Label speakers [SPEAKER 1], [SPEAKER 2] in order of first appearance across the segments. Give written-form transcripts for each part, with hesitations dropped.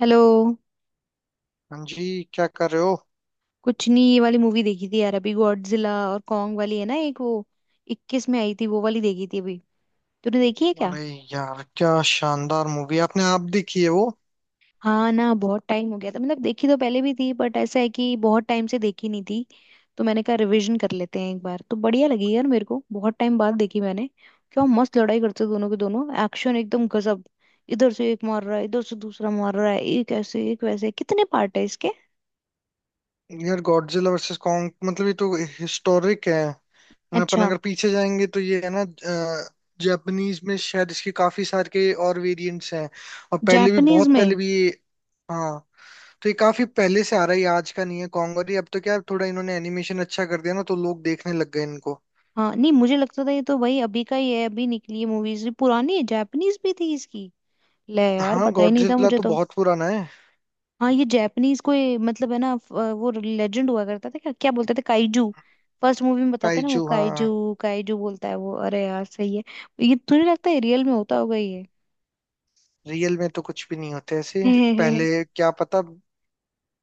[SPEAKER 1] Hello.
[SPEAKER 2] हाँ जी, क्या कर रहे हो।
[SPEAKER 1] कुछ नहीं, ये वाली मूवी देखी थी यार अभी, गॉडजिला और कॉन्ग वाली है ना, एक वो इक्कीस में आई थी, वो वाली देखी थी अभी। तूने देखी है क्या?
[SPEAKER 2] अरे यार, क्या शानदार मूवी आपने आप देखी है वो।
[SPEAKER 1] हाँ ना, बहुत टाइम हो गया था, मतलब देखी तो पहले भी थी बट ऐसा है कि बहुत टाइम से देखी नहीं थी। तो मैंने कहा रिवीजन कर लेते हैं एक बार, तो बढ़िया लगी यार मेरे को, बहुत टाइम बाद देखी मैंने। क्या मस्त लड़ाई करते दोनों के दोनों, एक्शन एकदम गजब। इधर से एक मार रहा है, इधर से दूसरा मार रहा है, एक ऐसे एक वैसे। कितने पार्ट है इसके?
[SPEAKER 2] यार गॉडजिला वर्सेस कॉन्ग मतलब ये तो हिस्टोरिक है। ना, अपन
[SPEAKER 1] अच्छा।
[SPEAKER 2] अगर पीछे जाएंगे तो ये है ना। जापानीज में शायद इसके काफी सारे के और वेरिएंट्स हैं। और पहले भी
[SPEAKER 1] जापानीज
[SPEAKER 2] बहुत पहले
[SPEAKER 1] में?
[SPEAKER 2] भी ये। हाँ। तो ये काफी पहले से आ रहा है, ये आज का नहीं है कॉन्ग, और ये अब तो क्या है, थोड़ा इन्होंने एनिमेशन अच्छा कर दिया ना तो लोग देखने लग गए इनको।
[SPEAKER 1] हाँ नहीं, मुझे लगता था ये तो भाई अभी का ही है, अभी निकली है मूवीज, पुरानी है जापानीज भी थी इसकी। ले यार,
[SPEAKER 2] हाँ,
[SPEAKER 1] पता ही नहीं था
[SPEAKER 2] गॉडजिला
[SPEAKER 1] मुझे
[SPEAKER 2] तो
[SPEAKER 1] तो।
[SPEAKER 2] बहुत पुराना है।
[SPEAKER 1] हाँ ये जापानीज कोई मतलब है ना वो लेजेंड हुआ करता था, क्या क्या बोलते थे, काइजू। फर्स्ट मूवी में बताते हैं ना, वो
[SPEAKER 2] काइजू,
[SPEAKER 1] काइजू
[SPEAKER 2] हाँ।
[SPEAKER 1] काइजू बोलता है वो, अरे यार सही है। ये तुझे लगता है रियल में होता होगा ये?
[SPEAKER 2] रियल में तो कुछ भी नहीं होते ऐसे।
[SPEAKER 1] हम्म।
[SPEAKER 2] पहले क्या पता।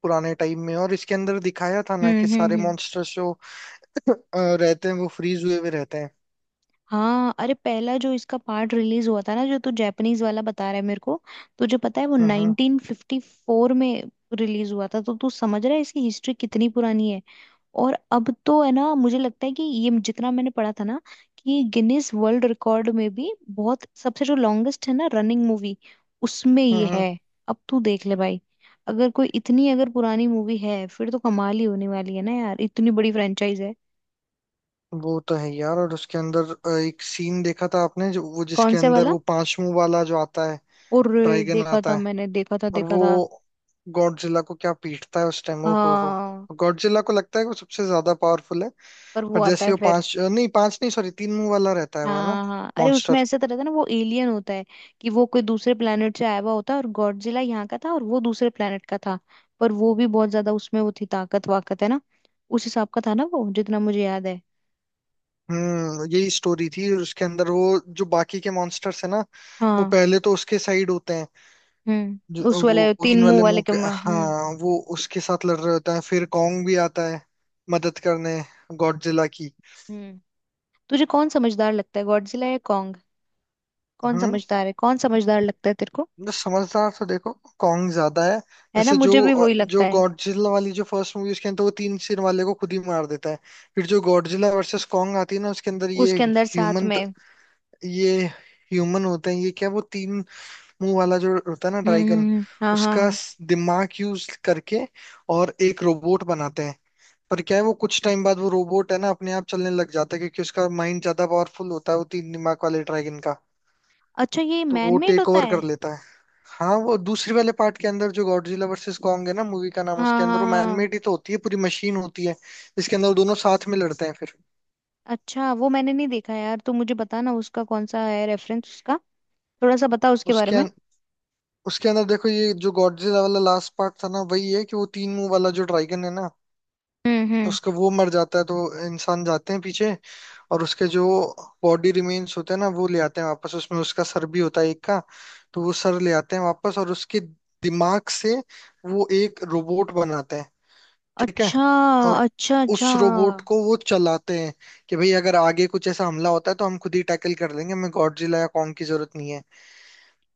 [SPEAKER 2] पुराने टाइम में, और इसके अंदर दिखाया था ना
[SPEAKER 1] हम्म
[SPEAKER 2] कि सारे
[SPEAKER 1] हम्म
[SPEAKER 2] मॉन्स्टर्स जो रहते हैं वो फ्रीज हुए हुए रहते हैं।
[SPEAKER 1] हाँ अरे, पहला जो इसका पार्ट रिलीज हुआ था ना, जो तू जापानीज वाला बता रहा है मेरे को, तुझे पता है वो
[SPEAKER 2] हम्म। हम्म।
[SPEAKER 1] 1954 में रिलीज हुआ था। तो तू समझ रहा है इसकी हिस्ट्री कितनी पुरानी है। और अब तो है ना, मुझे लगता है कि ये जितना मैंने पढ़ा था ना, कि गिनीज वर्ल्ड रिकॉर्ड में भी बहुत सबसे जो लॉन्गेस्ट है ना रनिंग मूवी, उसमें
[SPEAKER 2] हम्म,
[SPEAKER 1] ये
[SPEAKER 2] हम्म।
[SPEAKER 1] है। अब तू देख ले भाई, अगर कोई इतनी अगर पुरानी मूवी है फिर तो कमाल ही होने वाली है ना यार, इतनी बड़ी फ्रेंचाइज है।
[SPEAKER 2] वो तो है यार। और उसके अंदर एक सीन देखा था आपने, जो वो
[SPEAKER 1] कौन
[SPEAKER 2] जिसके
[SPEAKER 1] से
[SPEAKER 2] अंदर
[SPEAKER 1] वाला?
[SPEAKER 2] वो पांच मुंह वाला जो आता है,
[SPEAKER 1] और
[SPEAKER 2] ड्रैगन
[SPEAKER 1] देखा था
[SPEAKER 2] आता है।
[SPEAKER 1] मैंने, देखा था
[SPEAKER 2] और
[SPEAKER 1] देखा था।
[SPEAKER 2] वो गॉडजिला को क्या पीटता है उस टाइम, ओ हो,
[SPEAKER 1] हाँ,
[SPEAKER 2] गॉडजिला को लगता है कि वो सबसे ज्यादा पावरफुल है।
[SPEAKER 1] पर वो
[SPEAKER 2] पर
[SPEAKER 1] आता
[SPEAKER 2] जैसे
[SPEAKER 1] है
[SPEAKER 2] वो
[SPEAKER 1] फिर।
[SPEAKER 2] पांच, नहीं पांच नहीं, सॉरी, तीन मुंह वाला रहता है वो है ना।
[SPEAKER 1] हाँ हाँ, अरे उसमें
[SPEAKER 2] मॉन्स्टर।
[SPEAKER 1] ऐसा तो रहता है ना, वो एलियन होता है, कि वो कोई दूसरे प्लेनेट से आया हुआ होता है, और गॉडजिला यहाँ का था और वो दूसरे प्लेनेट का था। पर वो भी बहुत ज्यादा उसमें वो थी ताकत वाकत, है ना, उस हिसाब का था ना वो जितना मुझे याद है।
[SPEAKER 2] यही स्टोरी थी, और उसके अंदर वो जो बाकी के मॉन्स्टर्स है ना, वो
[SPEAKER 1] हाँ।
[SPEAKER 2] पहले तो उसके साइड होते हैं। जो
[SPEAKER 1] हम्म, उस
[SPEAKER 2] वो
[SPEAKER 1] वाले तीन
[SPEAKER 2] ग्रीन
[SPEAKER 1] मुंह
[SPEAKER 2] वाले
[SPEAKER 1] वाले
[SPEAKER 2] मुंह
[SPEAKER 1] के
[SPEAKER 2] के,
[SPEAKER 1] हम्म।
[SPEAKER 2] हाँ, वो उसके साथ लड़ रहे होते हैं, फिर कॉन्ग भी आता है मदद करने, गॉडजिला की।
[SPEAKER 1] हम्म। तुझे कौन समझदार लगता है, गॉडजिला या कॉन्ग? कौन
[SPEAKER 2] हम्म।
[SPEAKER 1] समझदार है, कौन समझदार लगता है तेरे को?
[SPEAKER 2] बस समझदार तो देखो, कॉन्ग ज्यादा है।
[SPEAKER 1] है ना,
[SPEAKER 2] जैसे जो
[SPEAKER 1] मुझे भी वही लगता
[SPEAKER 2] जो
[SPEAKER 1] है।
[SPEAKER 2] गॉडजिला वाली जो फर्स्ट मूवी, उसके अंदर वो तीन सिर वाले को खुद ही मार देता है। फिर जो गॉडजिला वर्सेस कॉन्ग आती है ना, उसके अंदर
[SPEAKER 1] उसके अंदर साथ
[SPEAKER 2] ह्यूमन
[SPEAKER 1] में।
[SPEAKER 2] ये ह्यूमन होते हैं ये, क्या वो तीन मुंह वाला जो होता है ना ड्रैगन,
[SPEAKER 1] हम्म, हाँ हाँ
[SPEAKER 2] उसका
[SPEAKER 1] हाँ।
[SPEAKER 2] दिमाग यूज करके और एक रोबोट बनाते हैं। पर क्या है, वो कुछ टाइम बाद वो रोबोट है ना अपने आप चलने लग जाता है, क्योंकि उसका माइंड ज्यादा पावरफुल होता है वो तीन दिमाग वाले ड्रैगन का।
[SPEAKER 1] अच्छा, ये
[SPEAKER 2] तो वो
[SPEAKER 1] मैनमेड
[SPEAKER 2] टेक
[SPEAKER 1] होता
[SPEAKER 2] ओवर कर
[SPEAKER 1] है?
[SPEAKER 2] लेता है। हाँ, वो दूसरी वाले पार्ट के अंदर, जो गॉडजिला वर्सेस कॉन्ग है ना, मूवी का नाम, उसके
[SPEAKER 1] हाँ
[SPEAKER 2] अंदर
[SPEAKER 1] हाँ
[SPEAKER 2] वो
[SPEAKER 1] हाँ।
[SPEAKER 2] मैनमेड ही तो होती है, पूरी मशीन होती है जिसके अंदर वो दोनों साथ में लड़ते हैं फिर।
[SPEAKER 1] अच्छा, वो मैंने नहीं देखा यार, तो मुझे बता ना, उसका कौन सा है रेफरेंस उसका, थोड़ा सा बता उसके बारे
[SPEAKER 2] उसके
[SPEAKER 1] में।
[SPEAKER 2] अं- उसके अंदर देखो, ये जो गॉडजिला वाला लास्ट पार्ट था ना, वही है, कि वो तीन मुंह वाला जो ड्रैगन है ना,
[SPEAKER 1] हम्म।
[SPEAKER 2] उसका वो मर जाता है, तो इंसान जाते हैं पीछे, और उसके जो बॉडी रिमेन्स होते हैं ना वो ले आते हैं वापस, उसमें उसका सर भी होता है एक का। तो वो सर ले आते हैं वापस, और उसके दिमाग से वो एक रोबोट बनाते हैं, ठीक है।
[SPEAKER 1] अच्छा
[SPEAKER 2] और
[SPEAKER 1] अच्छा। अच्छा
[SPEAKER 2] उस रोबोट को वो चलाते हैं कि भाई अगर आगे कुछ ऐसा हमला होता है तो हम खुद ही टैकल कर लेंगे, हमें गॉडजिला या कॉन्ग की जरूरत नहीं है।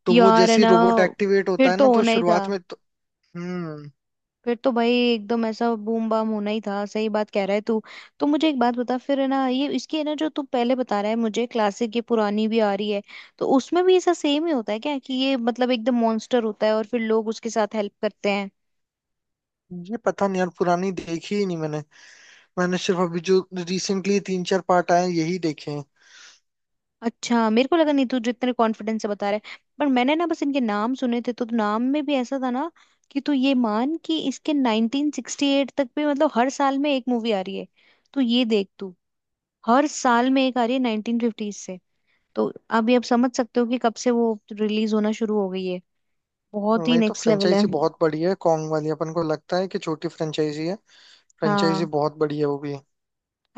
[SPEAKER 2] तो वो
[SPEAKER 1] यार, है
[SPEAKER 2] जैसे ही
[SPEAKER 1] ना,
[SPEAKER 2] रोबोट एक्टिवेट
[SPEAKER 1] फिर
[SPEAKER 2] होता है
[SPEAKER 1] तो
[SPEAKER 2] ना, तो
[SPEAKER 1] होना ही था।
[SPEAKER 2] शुरुआत में तो। हम्म।
[SPEAKER 1] फिर तो भाई एकदम ऐसा बूम बाम होना ही था, सही बात कह रहा है तू। तो मुझे एक बात बता फिर, है ना, ये इसकी है ना, जो तू पहले बता रहा है मुझे, क्लासिक ये पुरानी भी आ रही है, तो उसमें भी ऐसा सेम ही होता है क्या, कि ये मतलब एकदम मॉन्स्टर होता है और फिर लोग उसके साथ हेल्प करते हैं?
[SPEAKER 2] ये पता नहीं यार, पुरानी देखी ही नहीं मैंने। मैंने सिर्फ अभी जो रिसेंटली तीन चार पार्ट आए हैं, यही देखे हैं।
[SPEAKER 1] अच्छा, मेरे को लगा नहीं, तू जितने कॉन्फिडेंस से बता रहा है, पर मैंने ना बस इनके नाम सुने थे, तो नाम में भी ऐसा था ना, कि तू ये मान कि इसके 1968 तक भी मतलब हर साल में एक मूवी आ रही है। तो ये देख तू, हर साल में एक आ रही है 1950 से। तो अब ये आप समझ सकते हो कि कब से वो रिलीज होना शुरू हो गई है, बहुत ही
[SPEAKER 2] वही तो,
[SPEAKER 1] नेक्स्ट लेवल है।
[SPEAKER 2] फ्रेंचाइजी बहुत बड़ी है कॉन्ग वाली, अपन को लगता है कि छोटी फ्रेंचाइजी है। फ्रेंचाइजी
[SPEAKER 1] हाँ
[SPEAKER 2] बहुत बड़ी है वो भी।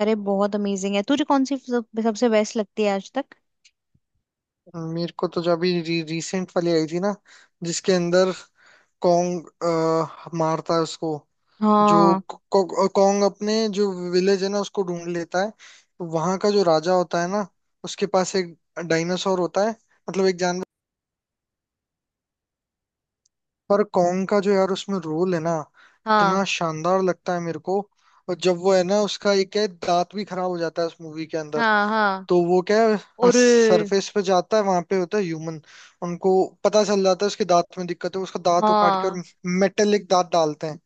[SPEAKER 1] अरे, बहुत अमेजिंग है। तुझे कौन सी सबसे बेस्ट लगती है आज तक?
[SPEAKER 2] मेरे को तो जब अभी रिसेंट वाली आई थी ना, जिसके अंदर कॉन्ग मारता है उसको, जो
[SPEAKER 1] हाँ।
[SPEAKER 2] कॉन्ग अपने जो विलेज है ना उसको ढूंढ लेता है, वहां का जो राजा होता है ना, उसके पास एक डायनासोर होता है, मतलब एक जानवर। पर कॉन्ग का जो यार उसमें रोल है ना,
[SPEAKER 1] हाँ
[SPEAKER 2] इतना शानदार लगता है मेरे को। और जब वो है ना, उसका एक है दांत भी खराब हो जाता है उस मूवी के अंदर,
[SPEAKER 1] हाँ। हाँ।
[SPEAKER 2] तो वो क्या है,
[SPEAKER 1] और।
[SPEAKER 2] सरफेस पे जाता है, वहां पे होता है ह्यूमन, उनको पता चल जाता है उसके दांत में दिक्कत है, उसका दांत उखाड़ के और
[SPEAKER 1] हाँ।
[SPEAKER 2] मेटेलिक दांत डालते हैं।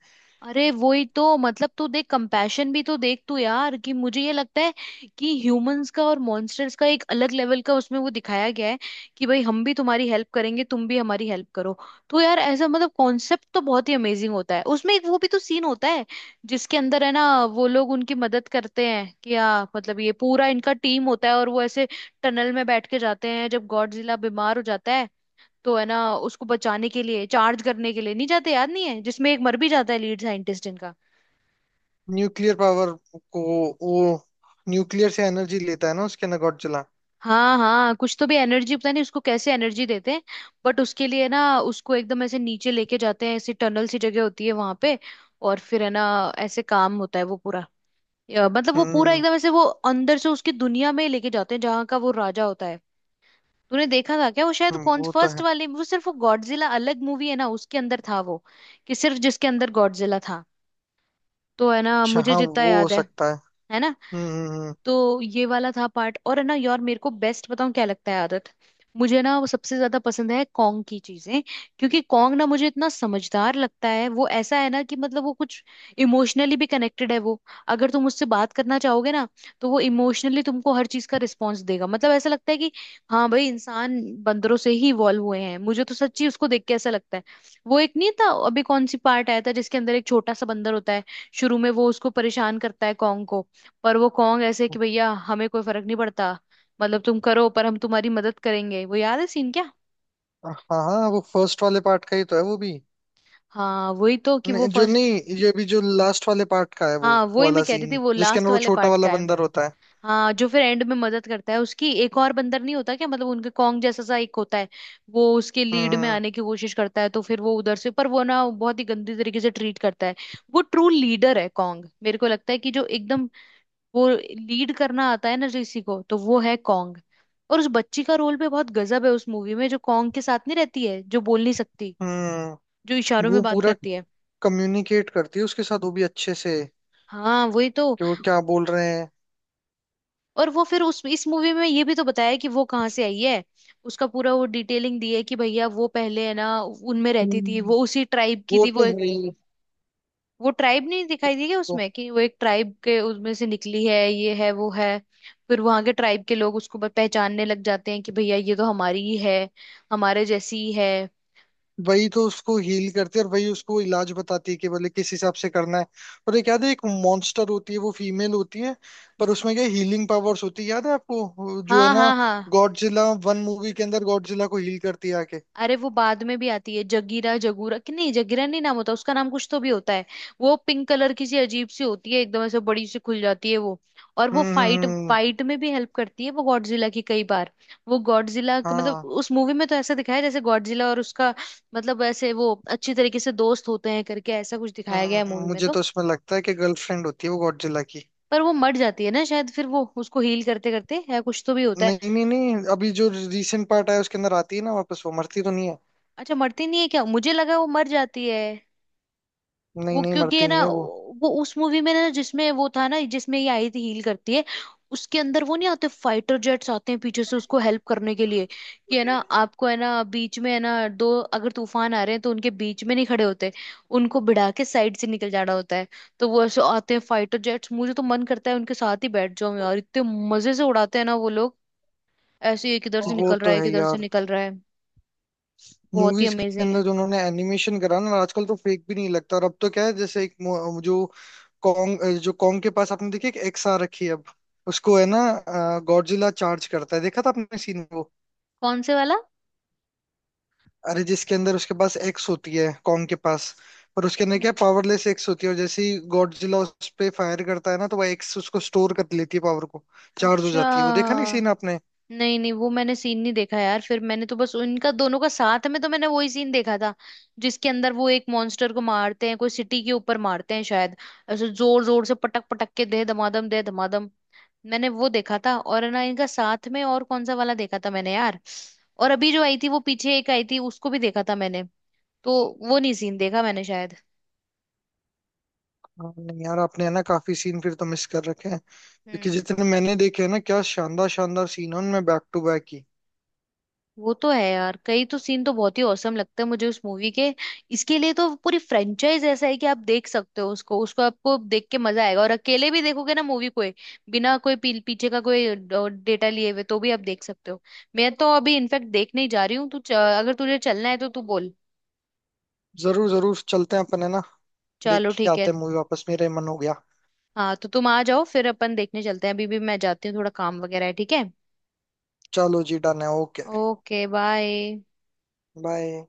[SPEAKER 1] अरे वही तो, मतलब तू देख कंपैशन भी तो देख तू यार, कि मुझे ये लगता है कि ह्यूमंस का और मॉन्स्टर्स का एक अलग लेवल का उसमें वो दिखाया गया है, कि भाई हम भी तुम्हारी हेल्प करेंगे, तुम भी हमारी हेल्प करो। तो यार ऐसा मतलब कॉन्सेप्ट तो बहुत ही अमेजिंग होता है उसमें। एक वो भी तो सीन होता है, जिसके अंदर है ना, वो लोग उनकी मदद करते हैं, कि हाँ मतलब ये पूरा इनका टीम होता है और वो ऐसे टनल में बैठ के जाते हैं जब गॉडजिला बीमार हो जाता है। तो है ना, उसको बचाने के लिए चार्ज करने के लिए नहीं जाते, याद नहीं है, जिसमें एक मर भी जाता है लीड साइंटिस्ट इनका।
[SPEAKER 2] न्यूक्लियर पावर को, वो न्यूक्लियर से एनर्जी लेता है ना उसके, नगोटजिला।
[SPEAKER 1] हाँ हाँ, कुछ तो भी एनर्जी, पता नहीं उसको कैसे एनर्जी देते हैं। बट उसके लिए ना उसको एकदम ऐसे नीचे लेके जाते हैं, ऐसी टनल सी जगह होती है वहां पे, और फिर है ना ऐसे काम होता है वो पूरा, मतलब वो पूरा
[SPEAKER 2] हम्म।
[SPEAKER 1] एकदम ऐसे वो अंदर से उसकी दुनिया में लेके जाते हैं, जहाँ का वो राजा होता है। तूने देखा था क्या? वो शायद कौन
[SPEAKER 2] वो तो
[SPEAKER 1] फर्स्ट
[SPEAKER 2] है।
[SPEAKER 1] वाले, वो सिर्फ वो गॉडजिला अलग मूवी है ना, उसके अंदर था वो, कि सिर्फ जिसके अंदर गॉडजिला था, तो है ना,
[SPEAKER 2] अच्छा
[SPEAKER 1] मुझे
[SPEAKER 2] हाँ,
[SPEAKER 1] जितना
[SPEAKER 2] वो हो
[SPEAKER 1] याद है।
[SPEAKER 2] सकता है।
[SPEAKER 1] है ना।
[SPEAKER 2] हम्म,
[SPEAKER 1] तो ये वाला था पार्ट। और है ना यार, मेरे को बेस्ट बताऊं क्या लगता है? आदत, मुझे ना वो सबसे ज्यादा पसंद है, कॉन्ग की चीजें। क्योंकि कॉन्ग ना मुझे इतना समझदार लगता है, वो ऐसा है ना कि मतलब वो कुछ इमोशनली भी कनेक्टेड है वो। अगर तुम उससे बात करना चाहोगे ना, तो वो इमोशनली तुमको हर चीज का रिस्पॉन्स देगा, मतलब ऐसा लगता है कि हाँ भाई, इंसान बंदरों से ही इवॉल्व हुए हैं मुझे तो, सच्ची उसको देख के ऐसा लगता है। वो एक नहीं था अभी कौन सी पार्ट आया था, जिसके अंदर एक छोटा सा बंदर होता है, शुरू में वो उसको परेशान करता है कॉन्ग को, पर वो कॉन्ग ऐसे
[SPEAKER 2] हम्म।
[SPEAKER 1] कि भैया हमें कोई फर्क नहीं पड़ता। मतलब तुम करो पर हम तुम्हारी मदद करेंगे, वो याद है सीन क्या?
[SPEAKER 2] हाँ, हाँ, वो फर्स्ट वाले पार्ट का ही तो है वो भी।
[SPEAKER 1] हाँ वही तो, कि वो
[SPEAKER 2] नहीं, जो
[SPEAKER 1] फर्स्ट।
[SPEAKER 2] नहीं ये भी जो लास्ट वाले पार्ट का है, वो
[SPEAKER 1] हाँ वही मैं
[SPEAKER 2] वाला
[SPEAKER 1] कह रही थी,
[SPEAKER 2] सीन
[SPEAKER 1] वो
[SPEAKER 2] जिसके
[SPEAKER 1] लास्ट
[SPEAKER 2] अंदर वो
[SPEAKER 1] वाले
[SPEAKER 2] छोटा
[SPEAKER 1] पार्ट
[SPEAKER 2] वाला
[SPEAKER 1] का है।
[SPEAKER 2] बंदर होता है।
[SPEAKER 1] हाँ, जो फिर एंड में मदद करता है उसकी, एक और बंदर नहीं होता क्या, मतलब उनके कॉन्ग जैसा सा एक होता है, वो उसके लीड में
[SPEAKER 2] हम्म।
[SPEAKER 1] आने की कोशिश करता है, तो फिर वो उधर से, पर वो ना बहुत ही गंदी तरीके से ट्रीट करता है। वो ट्रू लीडर है कॉन्ग, मेरे को लगता है कि जो एकदम, वो लीड करना आता है ना किसी को, तो वो है कॉन्ग। और उस बच्ची का रोल भी बहुत गजब है उस मूवी में, जो कॉन्ग के साथ नहीं रहती है, जो बोल नहीं सकती,
[SPEAKER 2] हम्म।
[SPEAKER 1] जो इशारों
[SPEAKER 2] वो
[SPEAKER 1] में बात
[SPEAKER 2] पूरा
[SPEAKER 1] करती है।
[SPEAKER 2] कम्युनिकेट करती है उसके साथ, वो भी अच्छे से,
[SPEAKER 1] हाँ वही तो।
[SPEAKER 2] कि वो क्या बोल रहे हैं।
[SPEAKER 1] और वो फिर उस इस मूवी में ये भी तो बताया है कि वो कहाँ से आई है, उसका पूरा वो डिटेलिंग दी है कि भैया वो पहले है ना उनमें रहती थी,
[SPEAKER 2] हम्म।
[SPEAKER 1] वो उसी ट्राइब की
[SPEAKER 2] वो
[SPEAKER 1] थी वो।
[SPEAKER 2] तो
[SPEAKER 1] वो ट्राइब नहीं दिखाई दी क्या
[SPEAKER 2] तो
[SPEAKER 1] उसमें, कि वो एक ट्राइब के उसमें से निकली है, ये है वो है, फिर वहां के ट्राइब के लोग उसको पहचानने लग जाते हैं कि भैया ये तो हमारी ही है, हमारे जैसी ही है।
[SPEAKER 2] वही तो उसको हील करती है, और वही उसको इलाज बताती है कि बोले किस हिसाब से करना है। और एक याद है, एक मॉन्स्टर होती है वो फीमेल होती है, पर
[SPEAKER 1] हम्म,
[SPEAKER 2] उसमें क्या हीलिंग पावर्स होती है, याद है आपको जो है
[SPEAKER 1] हाँ
[SPEAKER 2] ना,
[SPEAKER 1] हाँ हाँ।
[SPEAKER 2] गॉडजिला वन मूवी के अंदर गॉडजिला को हील करती है आके।
[SPEAKER 1] अरे वो बाद में भी आती है, जगीरा जगूरा, कि नहीं जगीरा नहीं, नाम होता उसका, नाम कुछ तो भी होता है। वो पिंक कलर की सी अजीब सी होती है, एकदम ऐसे बड़ी सी खुल जाती है वो, और वो
[SPEAKER 2] हम्म,
[SPEAKER 1] फाइट
[SPEAKER 2] हम्म।
[SPEAKER 1] फाइट में भी हेल्प करती है वो गॉडजिला की कई बार। वो गॉडजिला, मतलब
[SPEAKER 2] हाँ।
[SPEAKER 1] उस मूवी में तो ऐसा दिखाया है जैसे गॉडजिला और उसका, मतलब ऐसे वो अच्छी तरीके से दोस्त होते हैं करके ऐसा कुछ दिखाया गया है मूवी में
[SPEAKER 2] मुझे
[SPEAKER 1] तो।
[SPEAKER 2] तो उसमें लगता है कि गर्लफ्रेंड होती है वो गॉडजिला की।
[SPEAKER 1] पर वो मर जाती है ना शायद, फिर वो उसको हील करते करते, या कुछ तो भी होता है।
[SPEAKER 2] नहीं, नहीं, नहीं, अभी जो रीसेंट पार्ट आया उसके अंदर आती है ना वापस, वो मरती तो नहीं है।
[SPEAKER 1] अच्छा, मरती नहीं है क्या? मुझे लगा वो मर जाती है।
[SPEAKER 2] नहीं,
[SPEAKER 1] वो
[SPEAKER 2] नहीं,
[SPEAKER 1] क्योंकि है
[SPEAKER 2] मरती
[SPEAKER 1] ना,
[SPEAKER 2] नहीं है वो।
[SPEAKER 1] वो उस मूवी में ना, जिसमें वो था ना, जिसमें ये आई थी हील करती है, उसके अंदर वो नहीं आते, फाइटर जेट्स आते हैं पीछे से उसको हेल्प करने के लिए। कि है ना, आपको है ना, बीच में है ना दो, अगर तूफान आ रहे हैं तो उनके बीच में नहीं खड़े होते, उनको भिड़ा के साइड से निकल जाना होता है। तो वो ऐसे आते हैं फाइटर जेट्स, मुझे तो मन करता है उनके साथ ही बैठ जाऊं यार, इतने मजे से उड़ाते हैं ना वो लोग, ऐसे ही एक इधर से
[SPEAKER 2] वो
[SPEAKER 1] निकल रहा
[SPEAKER 2] तो
[SPEAKER 1] है एक
[SPEAKER 2] है
[SPEAKER 1] इधर से
[SPEAKER 2] यार,
[SPEAKER 1] निकल रहा है, बहुत ही
[SPEAKER 2] मूवीज के
[SPEAKER 1] अमेजिंग
[SPEAKER 2] अंदर
[SPEAKER 1] है।
[SPEAKER 2] जो उन्होंने एनिमेशन करा ना, आजकल तो फेक भी नहीं लगता, और अब तो क्या है, जैसे एक मो- कॉन्ग जो कॉन्ग के पास आपने देखी एक एक्स आ रखी है अब, उसको है ना गॉडजिला चार्ज करता है, देखा था आपने सीन।
[SPEAKER 1] कौन से वाला?
[SPEAKER 2] अरे, जिसके अंदर उसके पास एक्स होती है कॉन्ग के पास, पर उसके अंदर क्या,
[SPEAKER 1] हम्म।
[SPEAKER 2] पावरलेस एक्स होती है, और जैसे ही गॉडजिला उस पे फायर करता है ना, तो वह एक्स उसको स्टोर कर लेती है पावर को, चार्ज हो
[SPEAKER 1] अच्छा।
[SPEAKER 2] जाती है वो, देखा नहीं सीन आपने।
[SPEAKER 1] नहीं नहीं, वो मैंने सीन नहीं देखा यार, फिर मैंने तो बस उनका दोनों का साथ में तो मैंने वही सीन देखा था, जिसके अंदर वो एक मॉन्स्टर को मारते हैं, कोई सिटी के ऊपर मारते हैं शायद, ऐसे जोर जोर से पटक पटक के दे धमादम दे धमादम। मैंने वो देखा था, और है ना इनका साथ में और कौन सा वाला देखा था मैंने यार, और अभी जो आई थी वो पीछे एक आई थी उसको भी देखा था मैंने, तो वो नहीं सीन देखा मैंने शायद।
[SPEAKER 2] हाँ, नहीं यार, आपने है ना काफी सीन फिर तो मिस कर रखे हैं, क्योंकि
[SPEAKER 1] हम्म,
[SPEAKER 2] जितने मैंने देखे हैं ना, क्या शानदार शानदार सीन है उनमें, बैक टू बैक ही।
[SPEAKER 1] वो तो है यार, कई तो सीन तो बहुत ही औसम लगते हैं मुझे उस मूवी के। इसके लिए तो पूरी फ्रेंचाइज ऐसा है कि आप देख सकते हो उसको, उसको आपको देख के मजा आएगा, और अकेले भी देखोगे ना मूवी को बिना कोई पीछे का कोई डेटा लिए हुए, तो भी आप देख सकते हो। मैं तो अभी इनफेक्ट देखने ही जा रही हूँ, तू अगर तुझे चलना है तो तू बोल।
[SPEAKER 2] जरूर जरूर चलते हैं अपन है ना, देख
[SPEAKER 1] चलो
[SPEAKER 2] के
[SPEAKER 1] ठीक है।
[SPEAKER 2] आते हैं मूवी, वापस मेरा ही मन हो गया।
[SPEAKER 1] हाँ तो तुम आ जाओ फिर अपन देखने चलते हैं, अभी भी मैं जाती हूँ थोड़ा काम वगैरह है, ठीक है।
[SPEAKER 2] चलो जी, डन है, ओके।
[SPEAKER 1] Okay bye.
[SPEAKER 2] बाय।